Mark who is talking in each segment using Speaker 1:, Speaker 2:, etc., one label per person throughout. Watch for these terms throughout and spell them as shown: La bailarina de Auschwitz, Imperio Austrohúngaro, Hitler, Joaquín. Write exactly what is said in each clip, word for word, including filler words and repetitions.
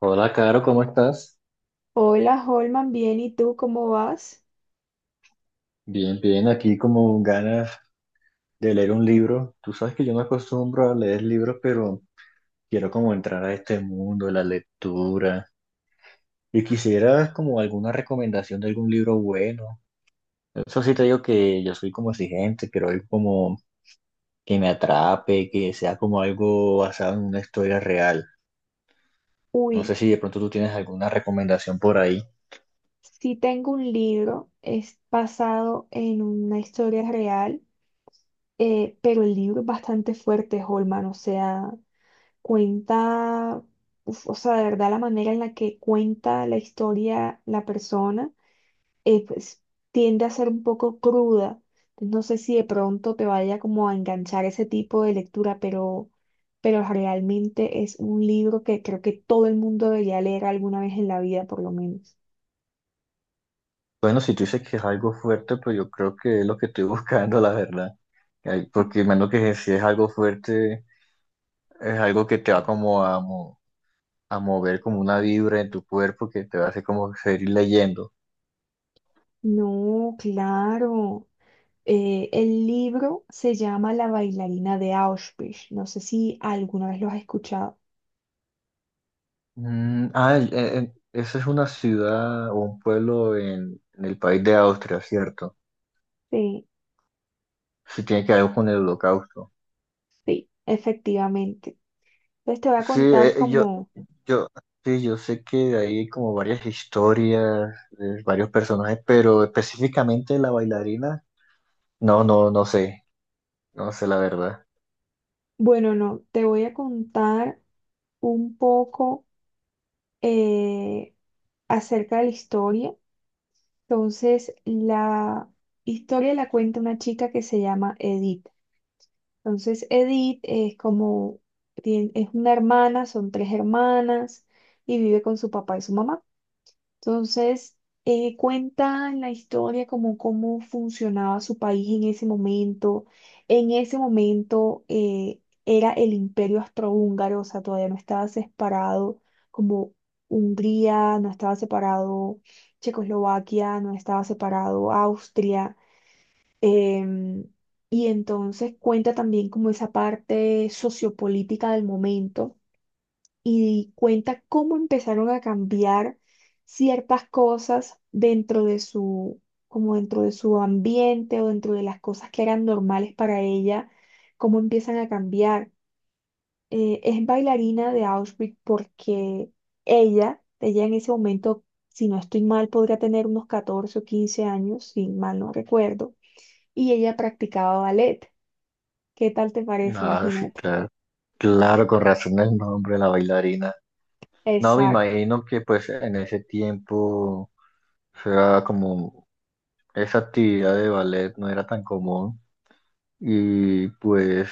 Speaker 1: Hola, Caro, ¿cómo estás?
Speaker 2: Hola, Holman, bien, ¿y tú cómo vas?
Speaker 1: Bien, bien, aquí como ganas de leer un libro. Tú sabes que yo me acostumbro a leer libros, pero quiero como entrar a este mundo de la lectura y quisiera como alguna recomendación de algún libro bueno. Eso sí te digo que yo soy como exigente, quiero algo como que me atrape, que sea como algo basado en una historia real. No sé
Speaker 2: Uy,
Speaker 1: si de pronto tú tienes alguna recomendación por ahí.
Speaker 2: sí tengo un libro, es basado en una historia real, eh, pero el libro es bastante fuerte, Holman, o sea, cuenta, uf, o sea, de verdad la manera en la que cuenta la historia la persona. eh, pues tiende a ser un poco cruda. No sé si de pronto te vaya como a enganchar ese tipo de lectura, pero, pero realmente es un libro que creo que todo el mundo debería leer alguna vez en la vida, por lo menos.
Speaker 1: Bueno, si tú dices que es algo fuerte, pues yo creo que es lo que estoy buscando, la verdad. Ay, porque menos que si es algo fuerte, es algo que te va como a, mo- a mover como una vibra en tu cuerpo que te va a hacer como seguir leyendo.
Speaker 2: No, claro. Eh, el libro se llama La bailarina de Auschwitz. No sé si alguna vez lo has escuchado.
Speaker 1: Mm, ah, eh, eh, esa es una ciudad o un pueblo en, en el país de Austria, ¿cierto?
Speaker 2: Sí,
Speaker 1: Sí, tiene que ver con el holocausto.
Speaker 2: sí, efectivamente. Entonces te voy a
Speaker 1: Sí,
Speaker 2: contar
Speaker 1: eh, yo,
Speaker 2: como,
Speaker 1: yo, sí, yo sé que hay como varias historias, eh, varios personajes, pero específicamente la bailarina. No, no, no sé, no sé la verdad.
Speaker 2: bueno, no, te voy a contar un poco eh, acerca de la historia. Entonces, la historia la cuenta una chica que se llama Edith. Entonces, Edith es como, tien- es una hermana, son tres hermanas y vive con su papá y su mamá. Entonces, eh, cuenta en la historia como cómo funcionaba su país en ese momento. En ese momento eh, era el Imperio Austrohúngaro, o sea, todavía no estaba separado como Hungría, no estaba separado Checoslovaquia, no estaba separado Austria. em, y entonces cuenta también como esa parte sociopolítica del momento y cuenta cómo empezaron a cambiar ciertas cosas dentro de su, como dentro de su ambiente o dentro de las cosas que eran normales para ella, cómo empiezan a cambiar. Eh, es bailarina de Auschwitz porque ella, ella en ese momento, si no estoy mal, podría tener unos catorce o quince años, si mal no recuerdo, y ella practicaba ballet. ¿Qué tal te parece?
Speaker 1: Ah, sí,
Speaker 2: Imagínate.
Speaker 1: claro, claro, con razón el nombre, la bailarina. No, me
Speaker 2: Exacto.
Speaker 1: imagino que pues en ese tiempo, o sea, como esa actividad de ballet no era tan común y pues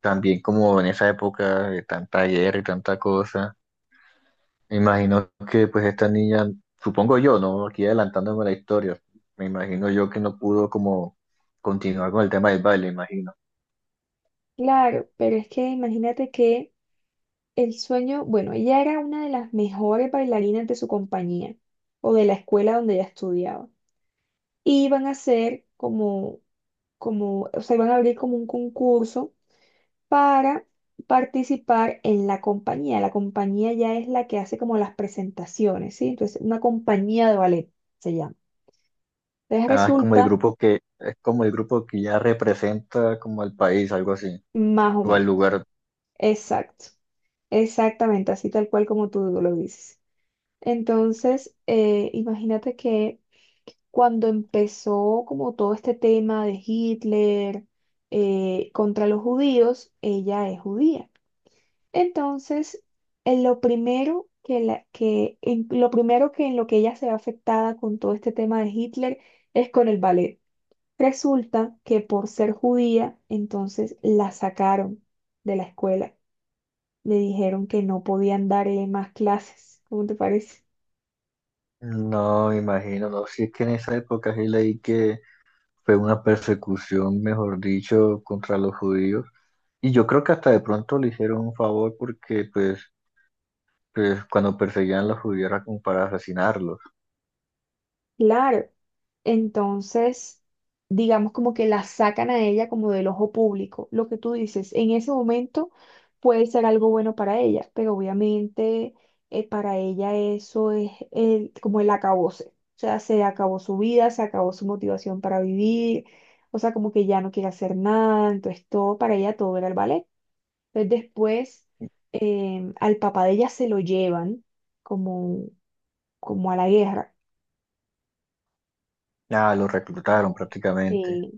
Speaker 1: también como en esa época de tanta guerra y tanta cosa, me imagino que pues esta niña, supongo yo, ¿no? Aquí adelantándome la historia, me imagino yo que no pudo como continuar con el tema del baile, imagino.
Speaker 2: Claro, pero es que imagínate que el sueño, bueno, ella era una de las mejores bailarinas de su compañía o de la escuela donde ella estudiaba. Y iban a hacer como, como, o sea, iban a abrir como un concurso para participar en la compañía. La compañía ya es la que hace como las presentaciones, ¿sí? Entonces, una compañía de ballet se llama. Entonces
Speaker 1: Ah, es como el
Speaker 2: resulta
Speaker 1: grupo que, es como el grupo que ya representa como al país, algo así,
Speaker 2: más o
Speaker 1: o al
Speaker 2: menos.
Speaker 1: lugar.
Speaker 2: Exacto. Exactamente, así tal cual como tú lo dices. Entonces, eh, imagínate que cuando empezó como todo este tema de Hitler eh, contra los judíos, ella es judía. Entonces, en lo primero que, la- que- en lo primero que en lo que ella se ve afectada con todo este tema de Hitler es con el ballet. Resulta que por ser judía, entonces la sacaron de la escuela. Le dijeron que no podían darle más clases. ¿Cómo te parece?
Speaker 1: No, me imagino, no, si es que en esa época sí leí que fue una persecución, mejor dicho, contra los judíos. Y yo creo que hasta de pronto le hicieron un favor porque pues, pues cuando perseguían a los judíos era como para asesinarlos.
Speaker 2: Claro. Entonces, digamos como que la sacan a ella como del ojo público. Lo que tú dices, en ese momento puede ser algo bueno para ella, pero obviamente eh, para ella eso es el- como el acabose. O sea, se acabó su vida, se acabó su motivación para vivir, o sea, como que ya no quiere hacer nada, entonces todo para ella todo era el ballet. Entonces después em, al papá de ella se lo llevan como, como a la guerra.
Speaker 1: Ah, los reclutaron prácticamente.
Speaker 2: eh,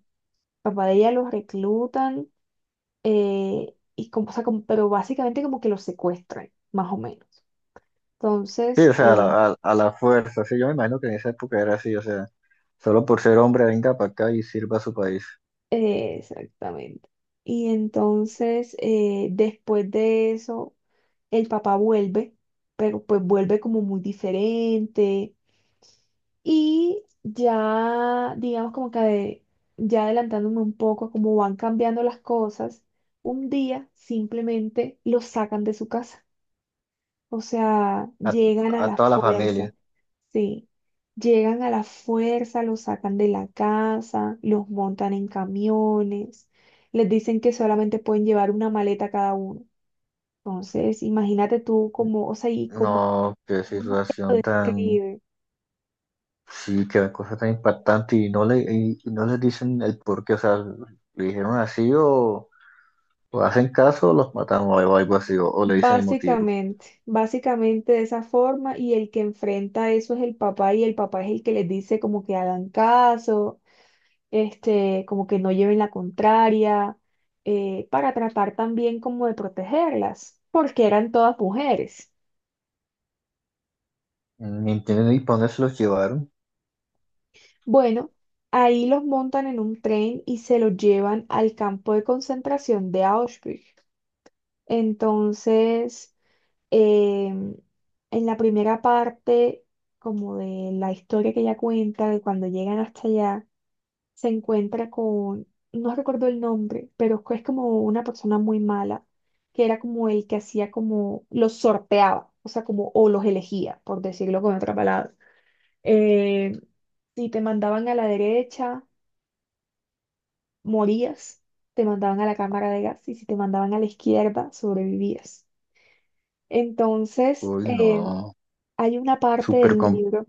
Speaker 2: Papá de ella los reclutan, eh, y como, o sea, como- pero básicamente como que los secuestran, más o menos.
Speaker 1: Sí,
Speaker 2: Entonces,
Speaker 1: o sea, a
Speaker 2: eh,
Speaker 1: la, a- a la fuerza. Sí, yo me imagino que en esa época era así, o sea, solo por ser hombre venga para acá y sirva a su país.
Speaker 2: eh, exactamente. Y entonces, eh, después de eso, el papá vuelve, pero pues vuelve como muy diferente. Y ya, digamos como que ade- ya adelantándome un poco a cómo van cambiando las cosas, un día simplemente los sacan de su casa. O sea,
Speaker 1: A,
Speaker 2: llegan a
Speaker 1: a
Speaker 2: la
Speaker 1: toda la
Speaker 2: fuerza,
Speaker 1: familia.
Speaker 2: sí, llegan a la fuerza, los sacan de la casa, los montan en camiones, les dicen que solamente pueden llevar una maleta cada uno. Entonces, imagínate tú cómo, o sea, y cómo,
Speaker 1: No, qué
Speaker 2: cómo te lo
Speaker 1: situación tan,
Speaker 2: describe.
Speaker 1: sí, qué cosa tan impactante y no le, y, y no les dicen el por qué, o sea, le dijeron así o, o hacen caso o los matamos o algo así, o, o le dicen el motivo.
Speaker 2: Básicamente, básicamente de esa forma, y el que enfrenta eso es el papá, y el papá es el que les dice como que hagan caso, este, como que no lleven la contraria, eh, para tratar también como de protegerlas, porque eran todas mujeres.
Speaker 1: Ni entienden ni para dónde se los llevaron.
Speaker 2: Bueno, ahí los montan en un tren y se los llevan al campo de concentración de Auschwitz. Entonces, em, en la primera parte, como de la historia que ella cuenta, de cuando llegan hasta allá, se encuentra con, no recuerdo el nombre, pero es como una persona muy mala, que era como el que hacía como, los sorteaba, o sea, como, o los elegía, por decirlo con otra palabra. Eh, si te mandaban a la derecha, morías, te mandaban a la cámara de gas y si te mandaban a la izquierda, sobrevivías. Entonces,
Speaker 1: Uy,
Speaker 2: eh,
Speaker 1: no,
Speaker 2: hay una parte
Speaker 1: súper
Speaker 2: del
Speaker 1: com-
Speaker 2: libro,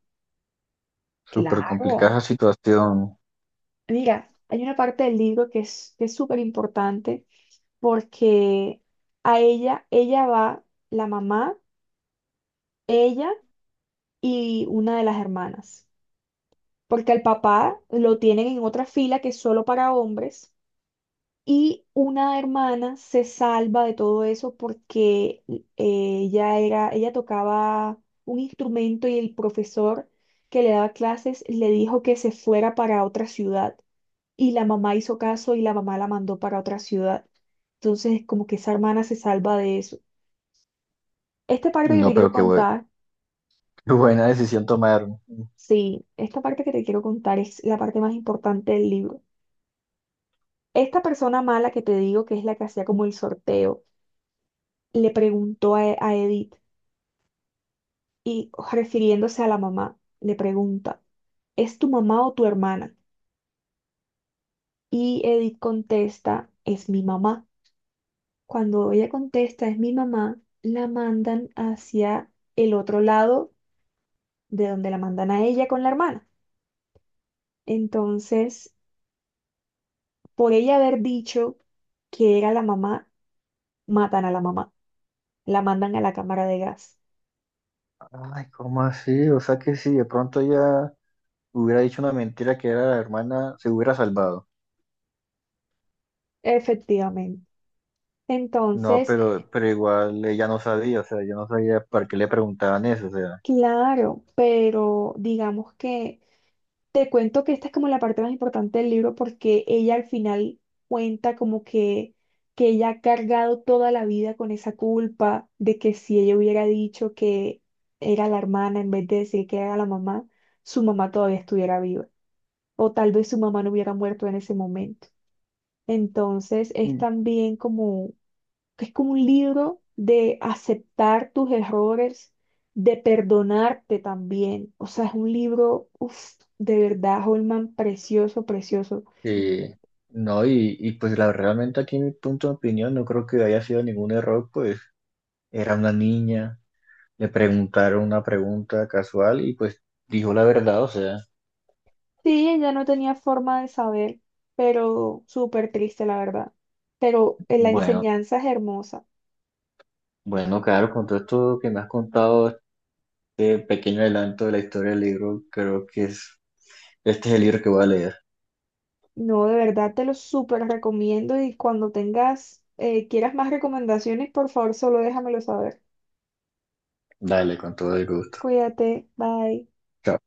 Speaker 1: súper
Speaker 2: claro,
Speaker 1: complicada esa situación.
Speaker 2: mira, hay una parte del libro que es que es súper importante porque a ella, ella va la mamá, ella y una de las hermanas, porque al papá lo tienen en otra fila que es solo para hombres y una hermana se salva de todo eso porque eh, ella era, ella tocaba un instrumento y el profesor que le daba clases le dijo que se fuera para otra ciudad y la mamá hizo caso y la mamá la mandó para otra ciudad. Entonces, como que esa hermana se salva de eso. Esta parte que te
Speaker 1: No,
Speaker 2: quiero
Speaker 1: pero qué bue-
Speaker 2: contar,
Speaker 1: qué buena decisión tomaron.
Speaker 2: sí, esta parte que te quiero contar es la parte más importante del libro. Esta persona mala que te digo, que es la que hacía como el sorteo, le preguntó a, a Edith y refiriéndose a la mamá, le pregunta, ¿es tu mamá o tu hermana? Y Edith contesta, es mi mamá. Cuando ella contesta, es mi mamá, la mandan hacia el otro lado de donde la mandan a ella con la hermana. Entonces, por ella haber dicho que era la mamá, matan a la mamá, la mandan a la cámara de gas.
Speaker 1: Ay, ¿cómo así? O sea que si de pronto ella hubiera dicho una mentira que era la hermana, se hubiera salvado.
Speaker 2: Efectivamente.
Speaker 1: No,
Speaker 2: Entonces, eh,
Speaker 1: pero, pero igual ella no sabía, o sea, yo no sabía para qué le preguntaban eso, o sea,
Speaker 2: claro, pero digamos que te cuento que esta es como la parte más importante del libro porque ella al final cuenta como que, que ella ha cargado toda la vida con esa culpa de que si ella hubiera dicho que era la hermana en vez de decir que era la mamá, su mamá todavía estuviera viva. O tal vez su mamá no hubiera muerto en ese momento. Entonces es
Speaker 1: mm,
Speaker 2: también como, es como un libro de aceptar tus errores, de perdonarte también. O sea, es un libro, uf, de verdad, Holman, precioso, precioso.
Speaker 1: eh, no, y, y pues la, realmente aquí mi punto de opinión no creo que haya sido ningún error, pues era una niña, le preguntaron una pregunta casual y pues dijo la verdad, o sea,
Speaker 2: Sí, ella no tenía forma de saber, pero súper triste, la verdad. Pero eh, la
Speaker 1: bueno,
Speaker 2: enseñanza es hermosa.
Speaker 1: bueno, claro, con todo esto que me has contado, este pequeño adelanto de la historia del libro, creo que es, este es el libro que voy a leer.
Speaker 2: No, de verdad te lo súper recomiendo y cuando tengas, eh, quieras más recomendaciones, por favor, solo déjamelo saber.
Speaker 1: Dale, con todo el gusto.
Speaker 2: Cuídate, bye.
Speaker 1: Chao.